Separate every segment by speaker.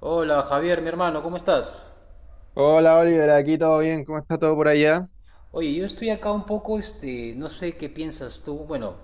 Speaker 1: Hola Javier, mi hermano, ¿cómo estás?
Speaker 2: Hola Oliver, aquí todo bien, ¿cómo está todo por allá?
Speaker 1: Oye, yo estoy acá un poco, no sé qué piensas tú, bueno,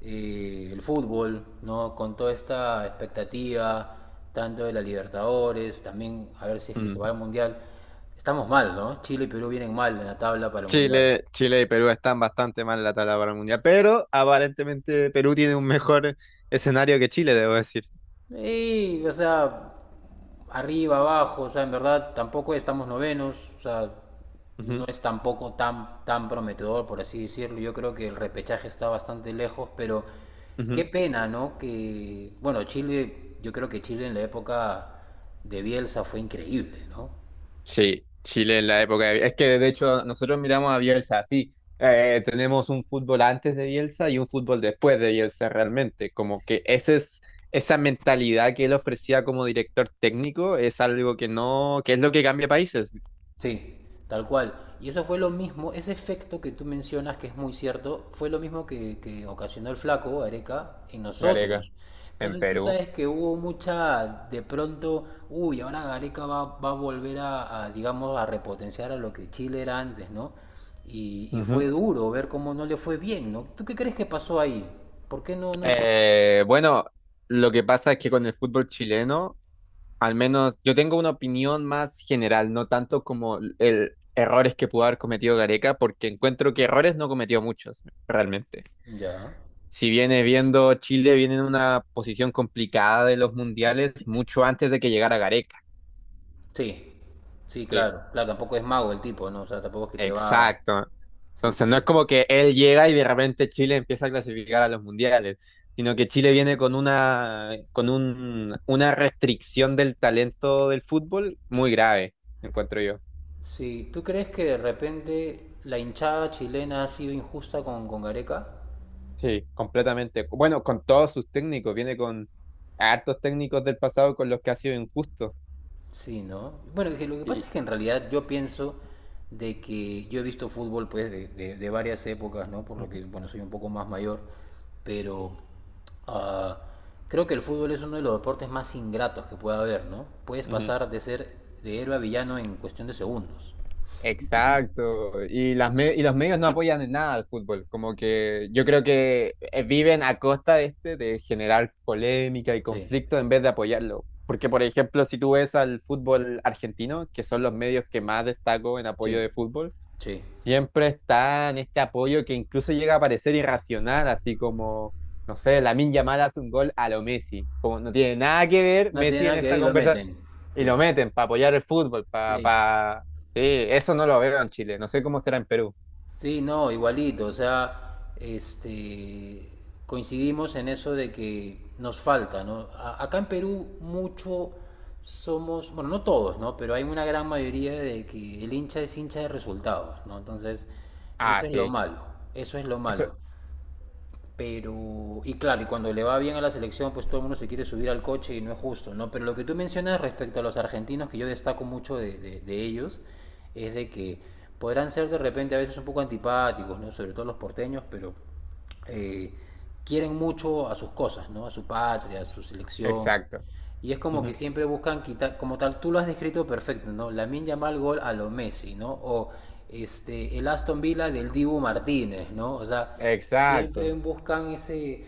Speaker 1: el fútbol, ¿no? Con toda esta expectativa, tanto de la Libertadores, también a ver si es que se
Speaker 2: Mm.
Speaker 1: va al Mundial. Estamos mal, ¿no? Chile y Perú vienen mal en la tabla para el Mundial.
Speaker 2: Chile y Perú están bastante mal en la tabla para el mundial, pero aparentemente Perú tiene un mejor escenario que Chile, debo decir.
Speaker 1: Sí, o sea, arriba, abajo, o sea, en verdad tampoco estamos novenos, o sea, no
Speaker 2: Ujú,
Speaker 1: es tampoco tan prometedor, por así decirlo. Yo creo que el repechaje está bastante lejos, pero qué
Speaker 2: ujú.
Speaker 1: pena, ¿no? Que, bueno, Chile, yo creo que Chile en la época de Bielsa fue increíble, ¿no?
Speaker 2: Sí, Chile en la época Es que de hecho nosotros miramos a Bielsa así. Tenemos un fútbol antes de Bielsa y un fútbol después de Bielsa realmente. Como que ese es, esa mentalidad que él ofrecía como director técnico es algo que no, que es lo que cambia países.
Speaker 1: Sí, tal cual. Y eso fue lo mismo, ese efecto que tú mencionas, que es muy cierto, fue lo mismo que ocasionó el flaco, Areca, en
Speaker 2: Gareca,
Speaker 1: nosotros.
Speaker 2: en
Speaker 1: Entonces tú
Speaker 2: Perú.
Speaker 1: sabes que hubo mucha, de pronto, uy, ahora Areca va a volver digamos, a repotenciar a lo que Chile era antes, ¿no? Y fue duro ver cómo no le fue bien, ¿no? ¿Tú qué crees que pasó ahí? ¿Por qué no?
Speaker 2: Bueno, lo que pasa es que con el fútbol chileno, al menos yo tengo una opinión más general, no tanto como el errores que pudo haber cometido Gareca, porque encuentro que errores no cometió muchos, realmente.
Speaker 1: Ya.
Speaker 2: Si viene viendo Chile, viene en una posición complicada de los mundiales mucho antes de que llegara Gareca.
Speaker 1: Sí, sí,
Speaker 2: Sí.
Speaker 1: claro. Claro, tampoco es mago el tipo, ¿no? O sea, tampoco es que te va...
Speaker 2: Exacto.
Speaker 1: Sí,
Speaker 2: Entonces
Speaker 1: sí,
Speaker 2: no es
Speaker 1: sí.
Speaker 2: como que él llega y de repente Chile empieza a clasificar a los mundiales, sino que Chile viene con una restricción del talento del fútbol muy grave, encuentro yo.
Speaker 1: Sí, ¿tú crees que de repente la hinchada chilena ha sido injusta con Gareca?
Speaker 2: Sí, completamente. Bueno, con todos sus técnicos, viene con hartos técnicos del pasado con los que ha sido injusto.
Speaker 1: Sí, ¿no? Bueno, que lo que pasa
Speaker 2: Y,
Speaker 1: es que en realidad yo pienso de que yo he visto fútbol pues de varias épocas, ¿no? Por lo que, bueno, soy un poco más mayor, pero ah, creo que el fútbol es uno de los deportes más ingratos que pueda haber, ¿no? Puedes
Speaker 2: Ujú.
Speaker 1: pasar de ser de héroe a villano en cuestión de segundos.
Speaker 2: Exacto, y los medios no apoyan en nada al fútbol, como que yo creo que viven a costa de este de generar polémica y
Speaker 1: Sí,
Speaker 2: conflicto en vez de apoyarlo. Porque, por ejemplo, si tú ves al fútbol argentino, que son los medios que más destaco en apoyo
Speaker 1: sí,
Speaker 2: de fútbol,
Speaker 1: sí.
Speaker 2: siempre está en este apoyo que incluso llega a parecer irracional, así como, no sé, Lamine Yamal hace un gol a lo Messi, como no tiene nada que ver
Speaker 1: No tiene
Speaker 2: Messi en
Speaker 1: nada que ver
Speaker 2: esta
Speaker 1: y lo
Speaker 2: conversación,
Speaker 1: meten.
Speaker 2: y
Speaker 1: Sí,
Speaker 2: lo meten para apoyar el fútbol, para...
Speaker 1: sí.
Speaker 2: Pa... pa- Sí, eso no lo veo en Chile, no sé cómo será en Perú.
Speaker 1: Sí, no, igualito, o sea, coincidimos en eso de que nos falta, ¿no? Acá en Perú mucho somos, bueno, no todos, ¿no? Pero hay una gran mayoría de que el hincha es hincha de resultados, ¿no? Entonces, eso
Speaker 2: Ah,
Speaker 1: es lo
Speaker 2: sí,
Speaker 1: malo, eso es lo
Speaker 2: eso,
Speaker 1: malo. Pero, y claro, y cuando le va bien a la selección, pues todo el mundo se quiere subir al coche y no es justo, ¿no? Pero lo que tú mencionas respecto a los argentinos, que yo destaco mucho de ellos, es de que podrán ser de repente a veces un poco antipáticos, ¿no? Sobre todo los porteños, pero eh, quieren mucho a sus cosas, ¿no? A su patria, a su selección.
Speaker 2: exacto.
Speaker 1: Y es como que
Speaker 2: Ujú.
Speaker 1: siempre buscan quitar, como tal, tú lo has descrito perfecto, ¿no? Lamine Yamal gol a lo Messi, ¿no? O el Aston Villa del Dibu Martínez, ¿no? O sea, siempre
Speaker 2: Exacto.
Speaker 1: buscan ese,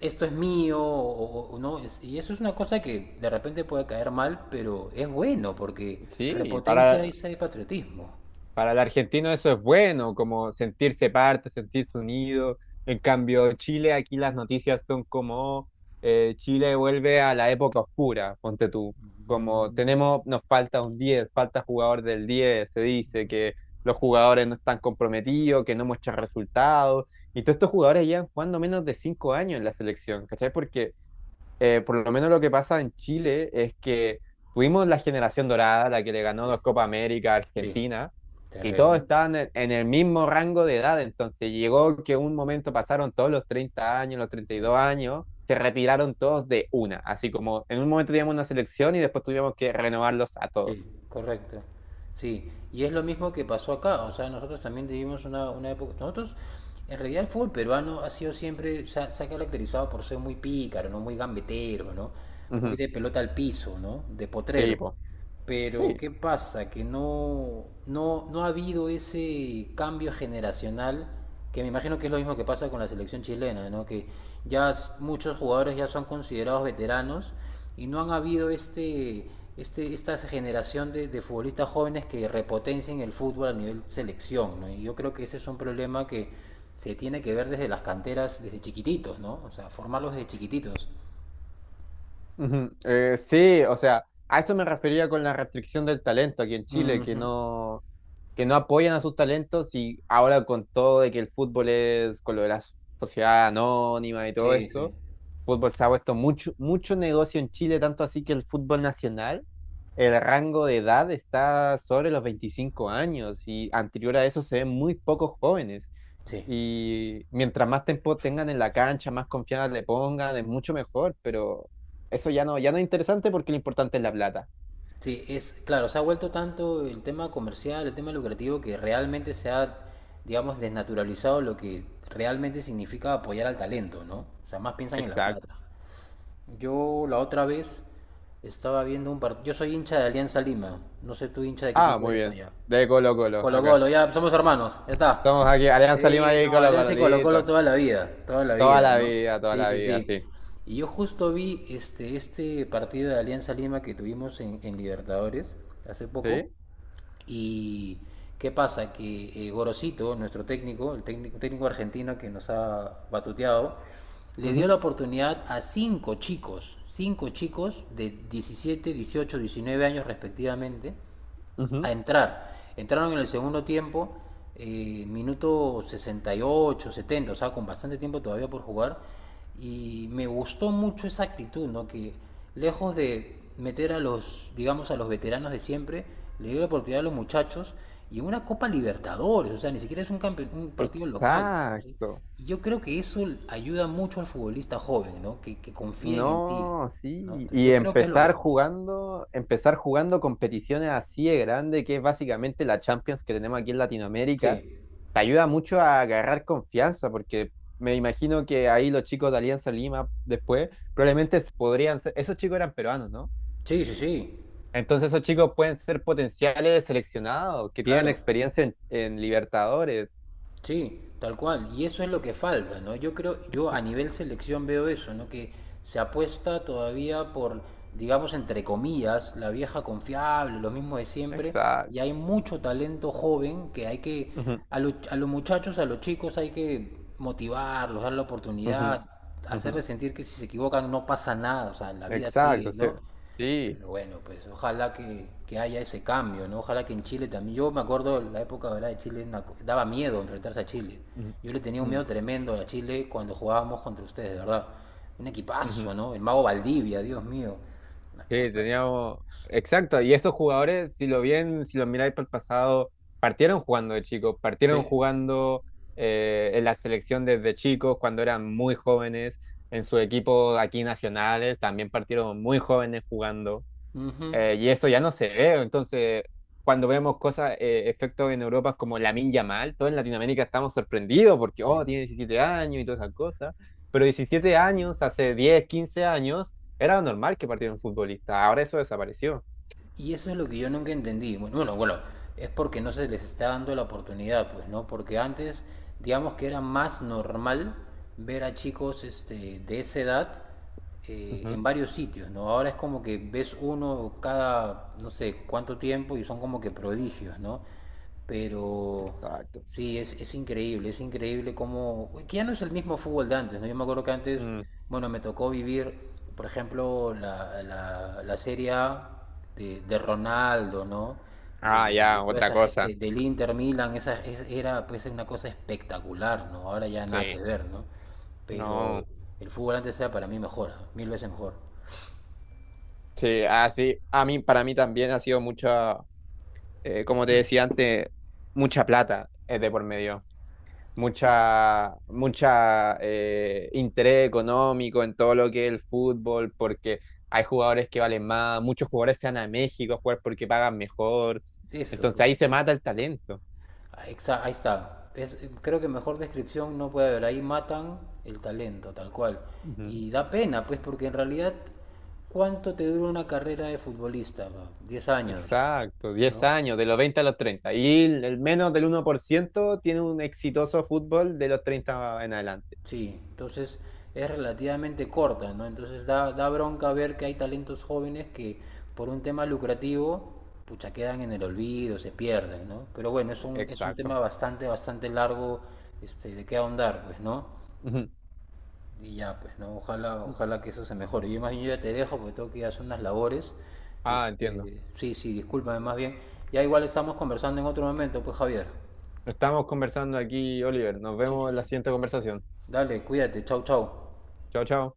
Speaker 1: esto es mío, ¿no? Es- Y eso es una cosa que de repente puede caer mal, pero es bueno porque
Speaker 2: Sí,
Speaker 1: repotencia
Speaker 2: para...
Speaker 1: ese patriotismo.
Speaker 2: Para el argentino eso es bueno, como sentirse parte, sentirse unido. En cambio, Chile, aquí las noticias son como oh, Chile vuelve a la época oscura, ponte tú. Como
Speaker 1: Mm,
Speaker 2: tenemos, nos falta un diez, falta jugador del diez, se dice que los jugadores no están comprometidos, que no muestran resultados. Y todos estos jugadores llevan jugando menos de 5 años en la selección, ¿cachai? Porque por lo menos lo que pasa en Chile es que tuvimos la generación dorada, la que le ganó
Speaker 1: sí,
Speaker 2: dos Copa América a
Speaker 1: sí,
Speaker 2: Argentina, y todos
Speaker 1: terriblemente.
Speaker 2: estaban en el mismo rango de edad. Entonces llegó que un momento pasaron todos los 30 años, los treinta y
Speaker 1: Sí.
Speaker 2: dos años, se retiraron todos de una. Así como en un momento teníamos una selección y después tuvimos que renovarlos a todos.
Speaker 1: Sí, correcto. Sí, y es lo mismo que pasó acá, o sea, nosotros también vivimos una época, nosotros, en realidad el fútbol peruano ha sido siempre, se ha caracterizado por ser muy pícaro, ¿no? Muy gambetero, ¿no? Muy
Speaker 2: Ujú.
Speaker 1: de pelota al piso, ¿no? De
Speaker 2: Sí,
Speaker 1: potrero.
Speaker 2: po.
Speaker 1: Pero,
Speaker 2: Sí.
Speaker 1: ¿qué pasa? Que no ha habido ese cambio generacional, que me imagino que es lo mismo que pasa con la selección chilena, ¿no? Que ya muchos jugadores ya son considerados veteranos y no han habido esta generación de futbolistas jóvenes que repotencien el fútbol a nivel selección. ¿No? Y yo creo que ese es un problema que se tiene que ver desde las canteras, desde chiquititos, ¿no? O sea, formarlos desde chiquititos.
Speaker 2: Ujú. Sí, o sea, a eso me refería con la restricción del talento aquí en Chile, que
Speaker 1: Ujú.
Speaker 2: no que no apoyan a sus talentos y ahora con todo de que el fútbol es, con lo de la sociedad anónima y todo
Speaker 1: Sí,
Speaker 2: esto,
Speaker 1: sí.
Speaker 2: el fútbol se ha puesto mucho, mucho negocio en Chile, tanto así que el fútbol nacional, el rango de edad está sobre los 25 años y anterior a eso se ven muy pocos jóvenes.
Speaker 1: Sí.
Speaker 2: Y mientras más tiempo tengan en la cancha, más confianza le pongan, es mucho mejor, pero eso ya no, ya no es interesante porque lo importante es la plata.
Speaker 1: Sí, es claro, se ha vuelto tanto el tema comercial, el tema lucrativo, que realmente se ha, digamos, desnaturalizado lo que realmente significa apoyar al talento, ¿no? O sea, más piensan en la
Speaker 2: Exacto.
Speaker 1: plata. Yo la otra vez estaba viendo un partido. Yo soy hincha de Alianza Lima. No sé tú hincha de qué
Speaker 2: Ah,
Speaker 1: equipo
Speaker 2: muy
Speaker 1: eres
Speaker 2: bien.
Speaker 1: allá.
Speaker 2: De Colo Colo,
Speaker 1: Colo
Speaker 2: acá.
Speaker 1: Colo, ya somos hermanos, ya está.
Speaker 2: Somos aquí, Alianza Lima
Speaker 1: Sí,
Speaker 2: y
Speaker 1: no,
Speaker 2: Colo Colo,
Speaker 1: Alianza y Colo Colo
Speaker 2: listo.
Speaker 1: toda la vida, ¿no?
Speaker 2: Toda
Speaker 1: Sí,
Speaker 2: la
Speaker 1: sí,
Speaker 2: vida,
Speaker 1: sí.
Speaker 2: sí.
Speaker 1: Y yo justo vi este partido de Alianza Lima que tuvimos en Libertadores hace poco.
Speaker 2: ¿Sí?
Speaker 1: Y qué pasa, que Gorosito, nuestro técnico, el técnico, técnico argentino que nos ha batuteado, le dio
Speaker 2: Ujú,
Speaker 1: la oportunidad a cinco chicos de 17, 18, 19 años respectivamente, a
Speaker 2: ujú.
Speaker 1: entrar. Entraron en el segundo tiempo, minuto 68, 70, o sea, con bastante tiempo todavía por jugar. Y me gustó mucho esa actitud, ¿no? Que lejos de meter a los, digamos, a los veteranos de siempre, le dio la oportunidad a los muchachos y una Copa Libertadores, o sea, ni siquiera es un, un partido local. Entonces,
Speaker 2: Exacto.
Speaker 1: y yo creo que eso ayuda mucho al futbolista joven, ¿no? Que confíen en ti,
Speaker 2: No,
Speaker 1: ¿no?
Speaker 2: sí.
Speaker 1: Entonces,
Speaker 2: Y
Speaker 1: yo creo que es lo que falta.
Speaker 2: empezar jugando competiciones así de grande, que es básicamente la Champions que tenemos aquí en
Speaker 1: Sí,
Speaker 2: Latinoamérica, te ayuda mucho a agarrar confianza, porque me imagino que ahí los chicos de Alianza Lima después probablemente podrían ser, esos chicos eran peruanos, ¿no?
Speaker 1: sí, sí, sí,
Speaker 2: Entonces esos chicos pueden ser potenciales seleccionados, que tienen
Speaker 1: claro.
Speaker 2: experiencia en Libertadores.
Speaker 1: Sí, tal cual. Y eso es lo que falta, ¿no? Yo creo, yo a nivel selección veo eso, ¿no? Que se apuesta todavía por, digamos, entre comillas, la vieja confiable, lo mismo de siempre.
Speaker 2: Exacto.
Speaker 1: Y hay mucho talento joven que hay que,
Speaker 2: Ujú,
Speaker 1: a los muchachos, a los chicos hay que motivarlos, dar la
Speaker 2: ujú,
Speaker 1: oportunidad,
Speaker 2: ujú.
Speaker 1: hacerles sentir que si se equivocan no pasa nada, o sea, la vida
Speaker 2: Exacto,
Speaker 1: sigue,
Speaker 2: sí.
Speaker 1: ¿no?
Speaker 2: Sí.
Speaker 1: Pero bueno, pues ojalá que haya ese cambio, ¿no? Ojalá que en Chile también. Yo me acuerdo la época ¿verdad? De Chile, una daba miedo enfrentarse a Chile.
Speaker 2: Ujú,
Speaker 1: Yo le tenía un
Speaker 2: mm,
Speaker 1: miedo tremendo a Chile cuando jugábamos contra ustedes, de verdad. Un
Speaker 2: ujú.
Speaker 1: equipazo, ¿no? El mago Valdivia, Dios mío. Una
Speaker 2: Sí,
Speaker 1: cosa.
Speaker 2: teníamos... Exacto, y esos jugadores, si lo bien, si lo miráis para el pasado, partieron jugando de chicos, partieron
Speaker 1: Sí.
Speaker 2: jugando en la selección desde chicos, cuando eran muy jóvenes, en su equipo aquí nacionales, también partieron muy jóvenes jugando.
Speaker 1: Ujú.
Speaker 2: Y eso ya no se ve. Entonces, cuando vemos cosas, efectos en Europa como Lamine Yamal, todos en Latinoamérica estamos sorprendidos porque,
Speaker 1: Sí.
Speaker 2: oh, tiene 17 años y todas esas cosas. Pero
Speaker 1: Es
Speaker 2: 17 años,
Speaker 1: increíble.
Speaker 2: hace 10 15 años, era normal que partiera un futbolista. Ahora eso desapareció.
Speaker 1: Y eso es lo que yo nunca entendí. Bueno, bueno, bueno, es porque no se les está dando la oportunidad, pues, ¿no? Porque antes, digamos que era más normal ver a chicos de esa edad
Speaker 2: Ujú,
Speaker 1: en varios sitios, ¿no? Ahora es como que ves uno cada, no sé, cuánto tiempo y son como que prodigios, ¿no? Pero
Speaker 2: exacto.
Speaker 1: sí, es increíble cómo... Que ya no es el mismo fútbol de antes, ¿no? Yo me acuerdo que antes,
Speaker 2: Mm.
Speaker 1: bueno, me tocó vivir, por ejemplo, la Serie A de Ronaldo, ¿no? De,
Speaker 2: Ah,
Speaker 1: de
Speaker 2: ya,
Speaker 1: toda
Speaker 2: otra
Speaker 1: esa
Speaker 2: cosa.
Speaker 1: del Inter Milan, esa era pues una cosa espectacular, ¿no? Ahora ya nada que
Speaker 2: Sí.
Speaker 1: ver, ¿no? Pero
Speaker 2: No.
Speaker 1: el fútbol antes era para mí mejor, ¿ah? Mil veces mejor.
Speaker 2: Sí, así, a mí, para mí también ha sido mucha, como te decía antes, mucha plata es de por medio.
Speaker 1: Sí,
Speaker 2: Mucha, mucha interés económico en todo lo que es el fútbol, porque hay jugadores que valen más, muchos jugadores se van a México a jugar porque pagan mejor.
Speaker 1: eso,
Speaker 2: Entonces
Speaker 1: pues.
Speaker 2: ahí se mata el talento.
Speaker 1: Ahí está, ahí está. Creo que mejor descripción no puede haber. Ahí matan el talento, tal cual.
Speaker 2: Ujú.
Speaker 1: Y da pena, pues, porque en realidad, ¿cuánto te dura una carrera de futbolista? ¿pa? 10 años,
Speaker 2: Exacto, diez
Speaker 1: ¿no?
Speaker 2: años, de los 20 a los 30. Y el menos del 1% tiene un exitoso fútbol de los 30 en adelante.
Speaker 1: Sí, entonces es relativamente corta, ¿no? Entonces da, da bronca ver que hay talentos jóvenes que por un tema lucrativo, pucha, quedan en el olvido, se pierden, ¿no? Pero bueno, es un
Speaker 2: Exacto.
Speaker 1: tema bastante, bastante largo, de qué ahondar, pues, ¿no?
Speaker 2: Ujú.
Speaker 1: Y ya, pues, ¿no? Ojalá, ojalá que eso se mejore. Yo más bien yo ya te dejo porque tengo que ir a hacer unas labores.
Speaker 2: Ah, entiendo.
Speaker 1: Sí, sí, discúlpame más bien. Ya igual estamos conversando en otro momento, pues, Javier.
Speaker 2: Estamos conversando aquí, Oliver. Nos vemos en la siguiente conversación.
Speaker 1: Dale, cuídate, chau, chau.
Speaker 2: Chao, chao.